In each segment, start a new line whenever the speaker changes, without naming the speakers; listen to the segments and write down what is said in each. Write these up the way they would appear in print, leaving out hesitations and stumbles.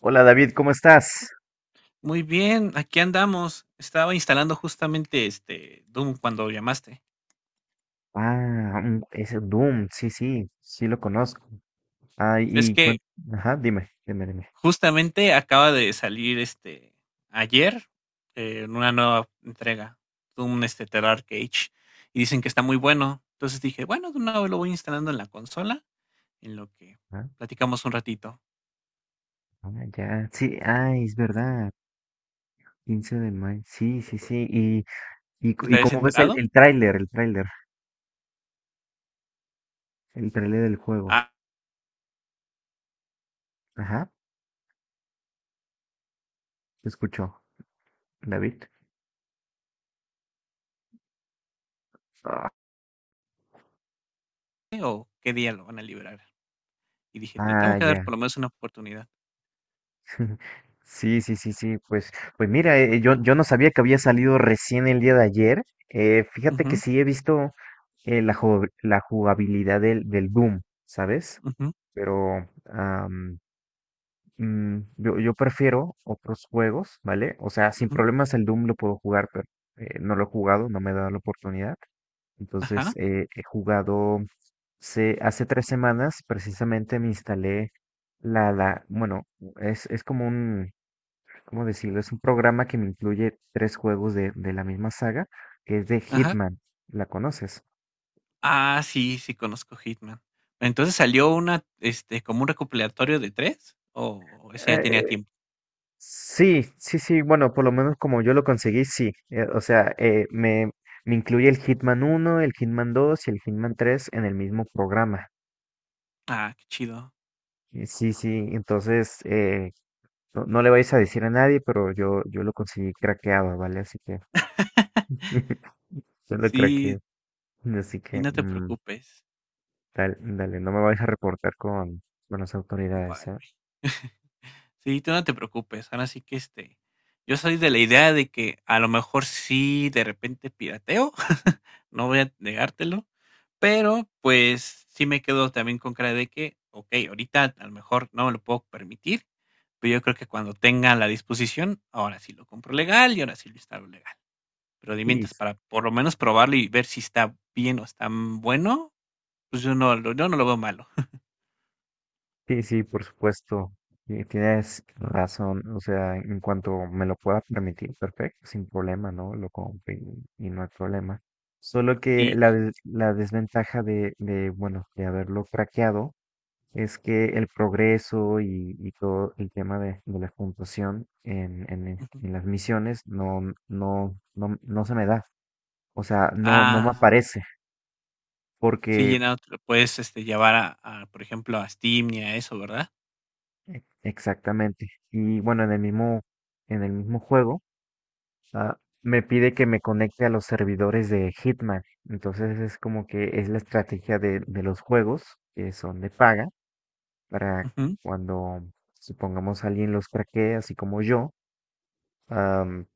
Hola David, ¿cómo estás?
Muy bien, aquí andamos. Estaba instalando justamente este Doom cuando llamaste.
Es el Doom, sí, sí, sí lo conozco. Ay,
Es
y
que
ajá, dime, dime, dime.
justamente acaba de salir ayer una nueva entrega, Doom Terrar Cage, y dicen que está muy bueno. Entonces dije, bueno, de una vez lo voy instalando en la consola, en lo que
Ah,
platicamos un ratito.
ah, ya, sí, ay, es verdad, 15 de mayo, sí, sí, sí. Y,
¿No te
y
habías
cómo ves
enterado?
el tráiler, el tráiler del juego?
Ah,
Ajá, te escucho, David.
o qué día lo van a liberar. Y dije, te tengo
Ah,
que dar por
ya.
lo menos una oportunidad.
Sí, sí, sí, sí, pues, pues mira, yo no sabía que había salido recién el día de ayer. Fíjate que
Ujú,
sí he visto la jugabilidad del Doom, ¿sabes?
ujú,
Pero yo prefiero otros juegos, ¿vale? O sea, sin
ujú,
problemas el Doom lo puedo jugar, pero no lo he jugado, no me he dado la oportunidad. Entonces,
ajá,
he jugado, hace 3 semanas precisamente me instalé bueno, es como un ¿cómo decirlo? Es un programa que me incluye tres juegos de la misma saga, que es de
ajá.
Hitman. ¿La conoces?
Ah, sí, sí conozco Hitman. Entonces, ¿salió una, como un recopilatorio de 3 o ese ya tenía
Eh,
tiempo?
sí, sí, sí, bueno, por lo menos como yo lo conseguí, sí. O sea, me incluye el Hitman 1 el Hitman 2 y el Hitman 3 en el mismo programa.
Ah, qué chido.
Sí, sí, entonces no, no le vais a decir a nadie, pero yo lo conseguí craqueado, ¿vale? Así que yo lo
Sí,
craqueé. Así
y
que
no te preocupes.
dale, dale, no me vais a reportar con las autoridades,
Vale.
¿eh?
Sí, tú no te preocupes. Ahora sí que yo soy de la idea de que a lo mejor sí de repente pirateo, no voy a negártelo, pero pues sí me quedo también con cara de que, ok, ahorita a lo mejor no me lo puedo permitir, pero yo creo que cuando tenga la disposición, ahora sí lo compro legal y ahora sí lo instalo legal. Pero de
Sí,
mientras para por lo menos probarlo y ver si está bien o está bueno, pues yo no lo veo malo.
sí, sí, por supuesto. Tienes razón. O sea, en cuanto me lo pueda permitir, perfecto, sin problema, ¿no? Lo compro y no hay problema. Solo que
Y,
la desventaja bueno, de haberlo craqueado es que el progreso y todo el tema de la puntuación
ujú.
en las misiones no se me da. O sea, no me
Ah,
aparece
sí,
porque
llenado te lo puedes, llevar a, por ejemplo, a Steam y a eso, ¿verdad?
exactamente. Y bueno, en el mismo juego. Ah, me pide que me conecte a los servidores de Hitman. Entonces es como que es la estrategia de los juegos que son de paga para
Ujú.
cuando supongamos alguien los craquee, así como yo, am,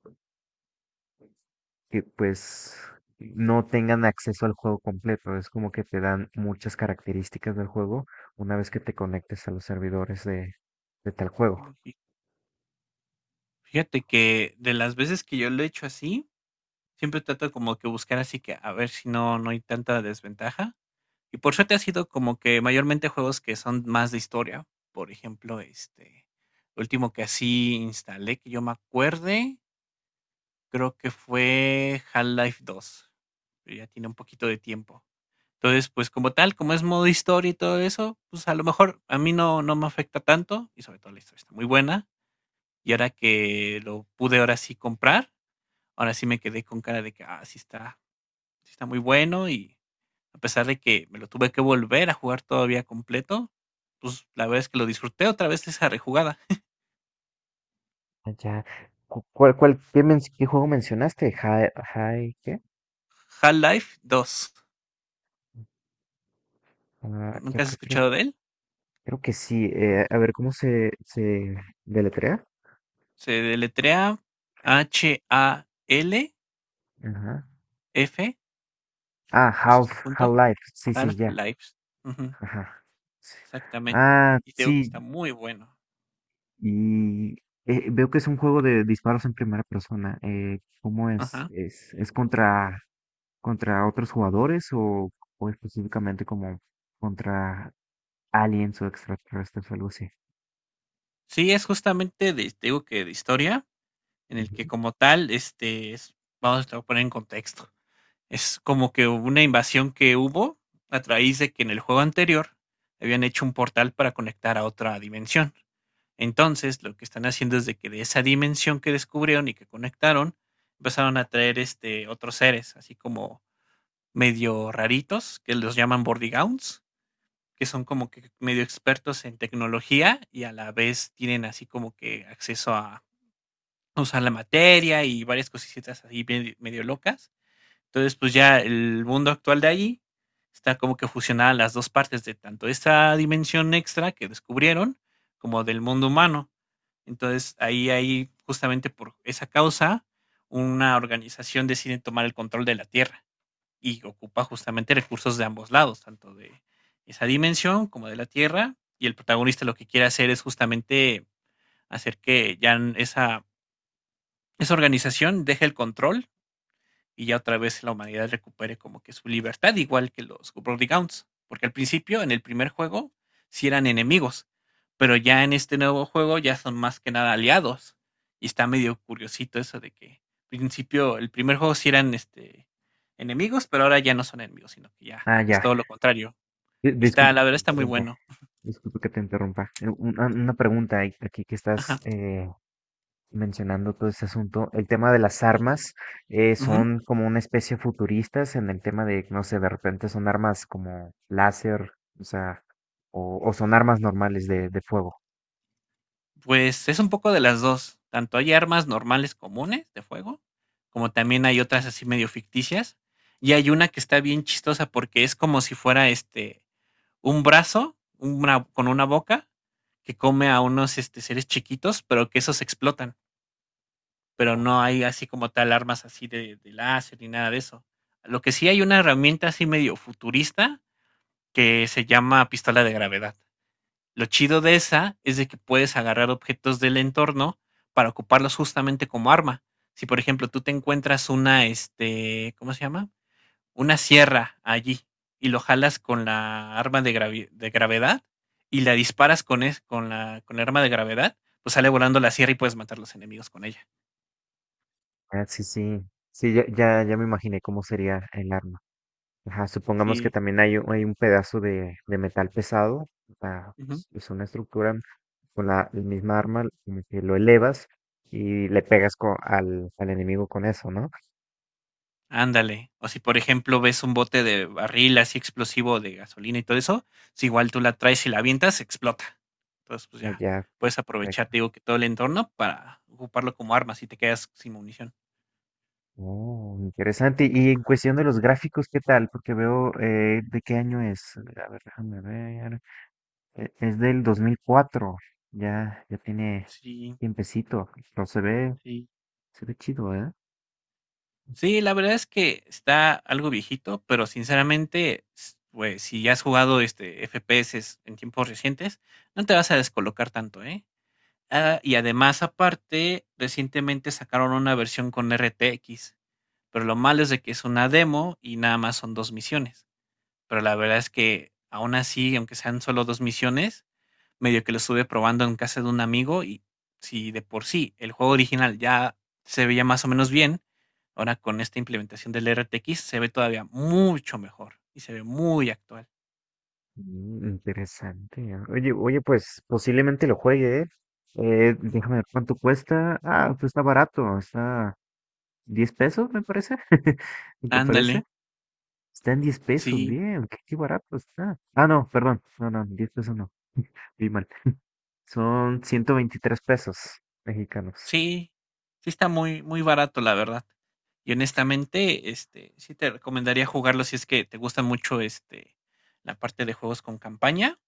que pues no tengan acceso al juego completo. Es como que te dan muchas características del juego una vez que te conectes a los servidores de tal juego.
Fi fíjate que de las veces que yo lo he hecho así, siempre trato como que buscar así que a ver si no no hay tanta desventaja. Y por suerte ha sido como que mayormente juegos que son más de historia. Por ejemplo, último que así instalé, que yo me acuerde, creo que fue Half-Life dos, pero ya tiene un poquito de tiempo. Entonces, pues, como tal, como es modo historia y todo eso, pues, a lo mejor a mí no no me afecta tanto, y sobre todo la historia está muy buena. Y ahora que lo pude ahora sí comprar, ahora sí me quedé con cara de que, ah, sí está muy bueno, y a pesar de que me lo tuve que volver a jugar todavía completo, pues, la verdad es que lo disfruté otra vez esa rejugada.
Ah, ya. ¿Cuál, cuál, qué juego mencionaste? ¿Qué?
Half-Life dos,
Ah, ¿qué,
¿nunca has
qué, qué
escuchado de él?
Creo que sí. A ver, ¿cómo se deletrea?
Se deletrea Half,
Ajá. Ah,
eso
Half,
es punto,
Half-Life. Sí, sí, ya.
Half-Life.
Ajá. Sí.
Exactamente.
Ah,
Y te digo que
sí.
está muy bueno.
Y veo que es un juego de disparos en primera persona. ¿Cómo es?
Ajá.
¿Es contra otros jugadores o específicamente como contra aliens o extraterrestres o algo así?
Sí, es justamente de, te digo que de historia, en el que
Ujú.
como tal, vamos a poner en contexto. Es como que hubo una invasión que hubo a través de que en el juego anterior habían hecho un portal para conectar a otra dimensión. Entonces, lo que están haciendo es de que de esa dimensión que descubrieron y que conectaron, empezaron a traer otros seres, así como medio raritos, que los llaman Bordigauns que son como que medio expertos en tecnología y a la vez tienen así como que acceso a usar la materia y varias cositas así medio locas. Entonces, pues ya el mundo actual de allí está como que fusionada las dos partes de tanto esta dimensión extra que descubrieron como del mundo humano. Entonces, ahí hay justamente por esa causa una organización decide tomar el control de la Tierra y ocupa justamente recursos de ambos lados, tanto de esa dimensión como de la Tierra. Y el protagonista lo que quiere hacer es justamente hacer que ya esa organización deje el control y ya otra vez la humanidad recupere como que su libertad, igual que los Brodigounds. Porque al principio, en el primer juego, sí eran enemigos, pero ya en este nuevo juego ya son más que nada aliados. Y está medio curiosito eso de que al principio, el primer juego sí eran enemigos, pero ahora ya no son enemigos, sino que ya
Ah,
es
ya.
todo lo contrario. Y está,
Disculpe
la
que te
verdad está muy
interrumpa.
bueno.
Disculpe que te interrumpa. Una pregunta aquí que
Ajá.
estás mencionando todo este asunto, el tema de las
Ujú,
armas
ujú.
son como una especie futuristas en el tema de, no sé, de repente son armas como láser, o sea, o son armas normales de fuego.
Pues es un poco de las 2. Tanto hay armas normales comunes de fuego, como también hay otras así medio ficticias, y hay una que está bien chistosa porque es como si fuera, un brazo, una con una boca que come a unos, seres chiquitos, pero que esos explotan, pero no hay así como tal armas así de láser ni nada de eso. Lo que sí hay una herramienta así medio futurista que se llama pistola de gravedad. Lo chido de esa es de que puedes agarrar objetos del entorno para ocuparlos justamente como arma. Si, por ejemplo, tú te encuentras ¿cómo se llama? Una sierra allí y lo jalas con la arma de gravedad y la disparas con, es- con, la, con el arma de gravedad, pues sale volando la sierra y puedes matar los enemigos con ella.
Ah, sí, sí, sí, ya, ya, ya me imaginé cómo sería el arma. Ajá, supongamos que
Sí.
también hay un pedazo de metal pesado, o sea, es una estructura con el misma arma, como que lo elevas y le pegas al enemigo con eso, ¿no?
Ándale. O si, por ejemplo, ves un bote de barril así explosivo de gasolina y todo eso, si igual tú la traes y la avientas, explota. Entonces, pues
Ah,
ya,
ya.
puedes aprovechar, te digo, que todo el entorno para ocuparlo como arma si te quedas sin munición.
Oh, interesante. Y en cuestión de los gráficos, ¿qué tal? Porque veo, ¿de qué año es? A ver, déjame ver. Es del 2004. Ya, ya tiene
Sí,
tiempecito. Pero
sí.
se ve chido, ¿eh?
Sí, la verdad es que está algo viejito, pero sinceramente, pues si ya has jugado este FPS en tiempos recientes, no te vas a descolocar tanto, ¿eh? Ah, y además, aparte, recientemente sacaron una versión con RTX. Pero lo malo es de que es una demo y nada más son dos misiones. Pero la verdad es que aún así, aunque sean solo dos misiones, medio que lo estuve probando en casa de un amigo y si de por sí el juego original ya se veía más o menos bien, ahora con esta implementación del RTX se ve todavía mucho mejor y se ve muy actual.
Interesante, ¿eh? Oye, oye, pues posiblemente lo juegue, ¿eh? Déjame ver cuánto cuesta. Ah, pues está barato. Está 10 pesos, me parece. ¿Qué
Ándale,
parece? Está en 10 pesos,
sí.
bien, qué, qué barato está. Ah, no, perdón, no, no, 10 pesos no, vi mal. Son 123 pesos mexicanos.
Sí, sí está muy, muy barato, la verdad. Y honestamente, sí te recomendaría jugarlo si es que te gusta mucho la parte de juegos con campaña.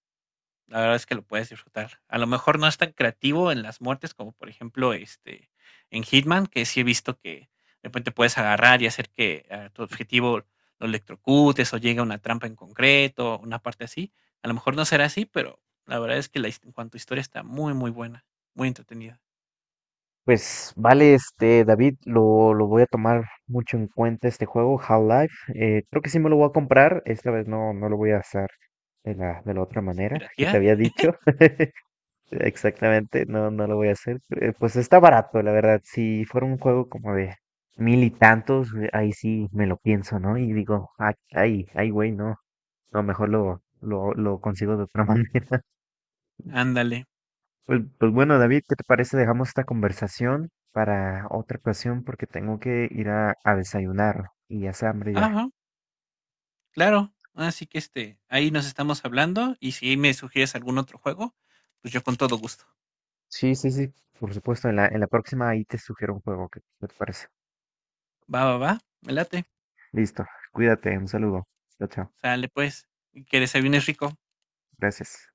La verdad es que lo puedes disfrutar. A lo mejor no es tan creativo en las muertes como por ejemplo en Hitman, que sí he visto que de repente puedes agarrar y hacer que a tu objetivo lo electrocutes o llegue a una trampa en concreto, una parte así. A lo mejor no será así, pero la verdad es que en cuanto a historia está muy, muy buena, muy entretenida.
Pues vale, este, David, lo voy a tomar mucho en cuenta este juego, Half-Life. Creo que sí me lo voy a comprar, esta vez no, no lo voy a hacer de la otra
Vamos a
manera que te
piratear.
había dicho. Exactamente, no, no lo voy a hacer. Pues está barato, la verdad. Si fuera un juego como de mil y tantos, ahí sí me lo pienso, ¿no? Y digo, "Ah, ay, ay, güey, no. No, mejor lo consigo de otra manera".
Ándale.
Pues, pues bueno, David, ¿qué te parece? Dejamos esta conversación para otra ocasión porque tengo que ir a desayunar y hace hambre ya.
Ajá, claro. Así que, ahí nos estamos hablando y si me sugieres algún otro juego, pues yo con todo gusto.
Sí, sí, sí. Por supuesto, en la próxima ahí te sugiero un juego. ¿Qué, qué te parece?
Va, va, va, me late.
Listo, cuídate, un saludo. Chao, chao.
Sale pues, y que desayunes rico.
Gracias.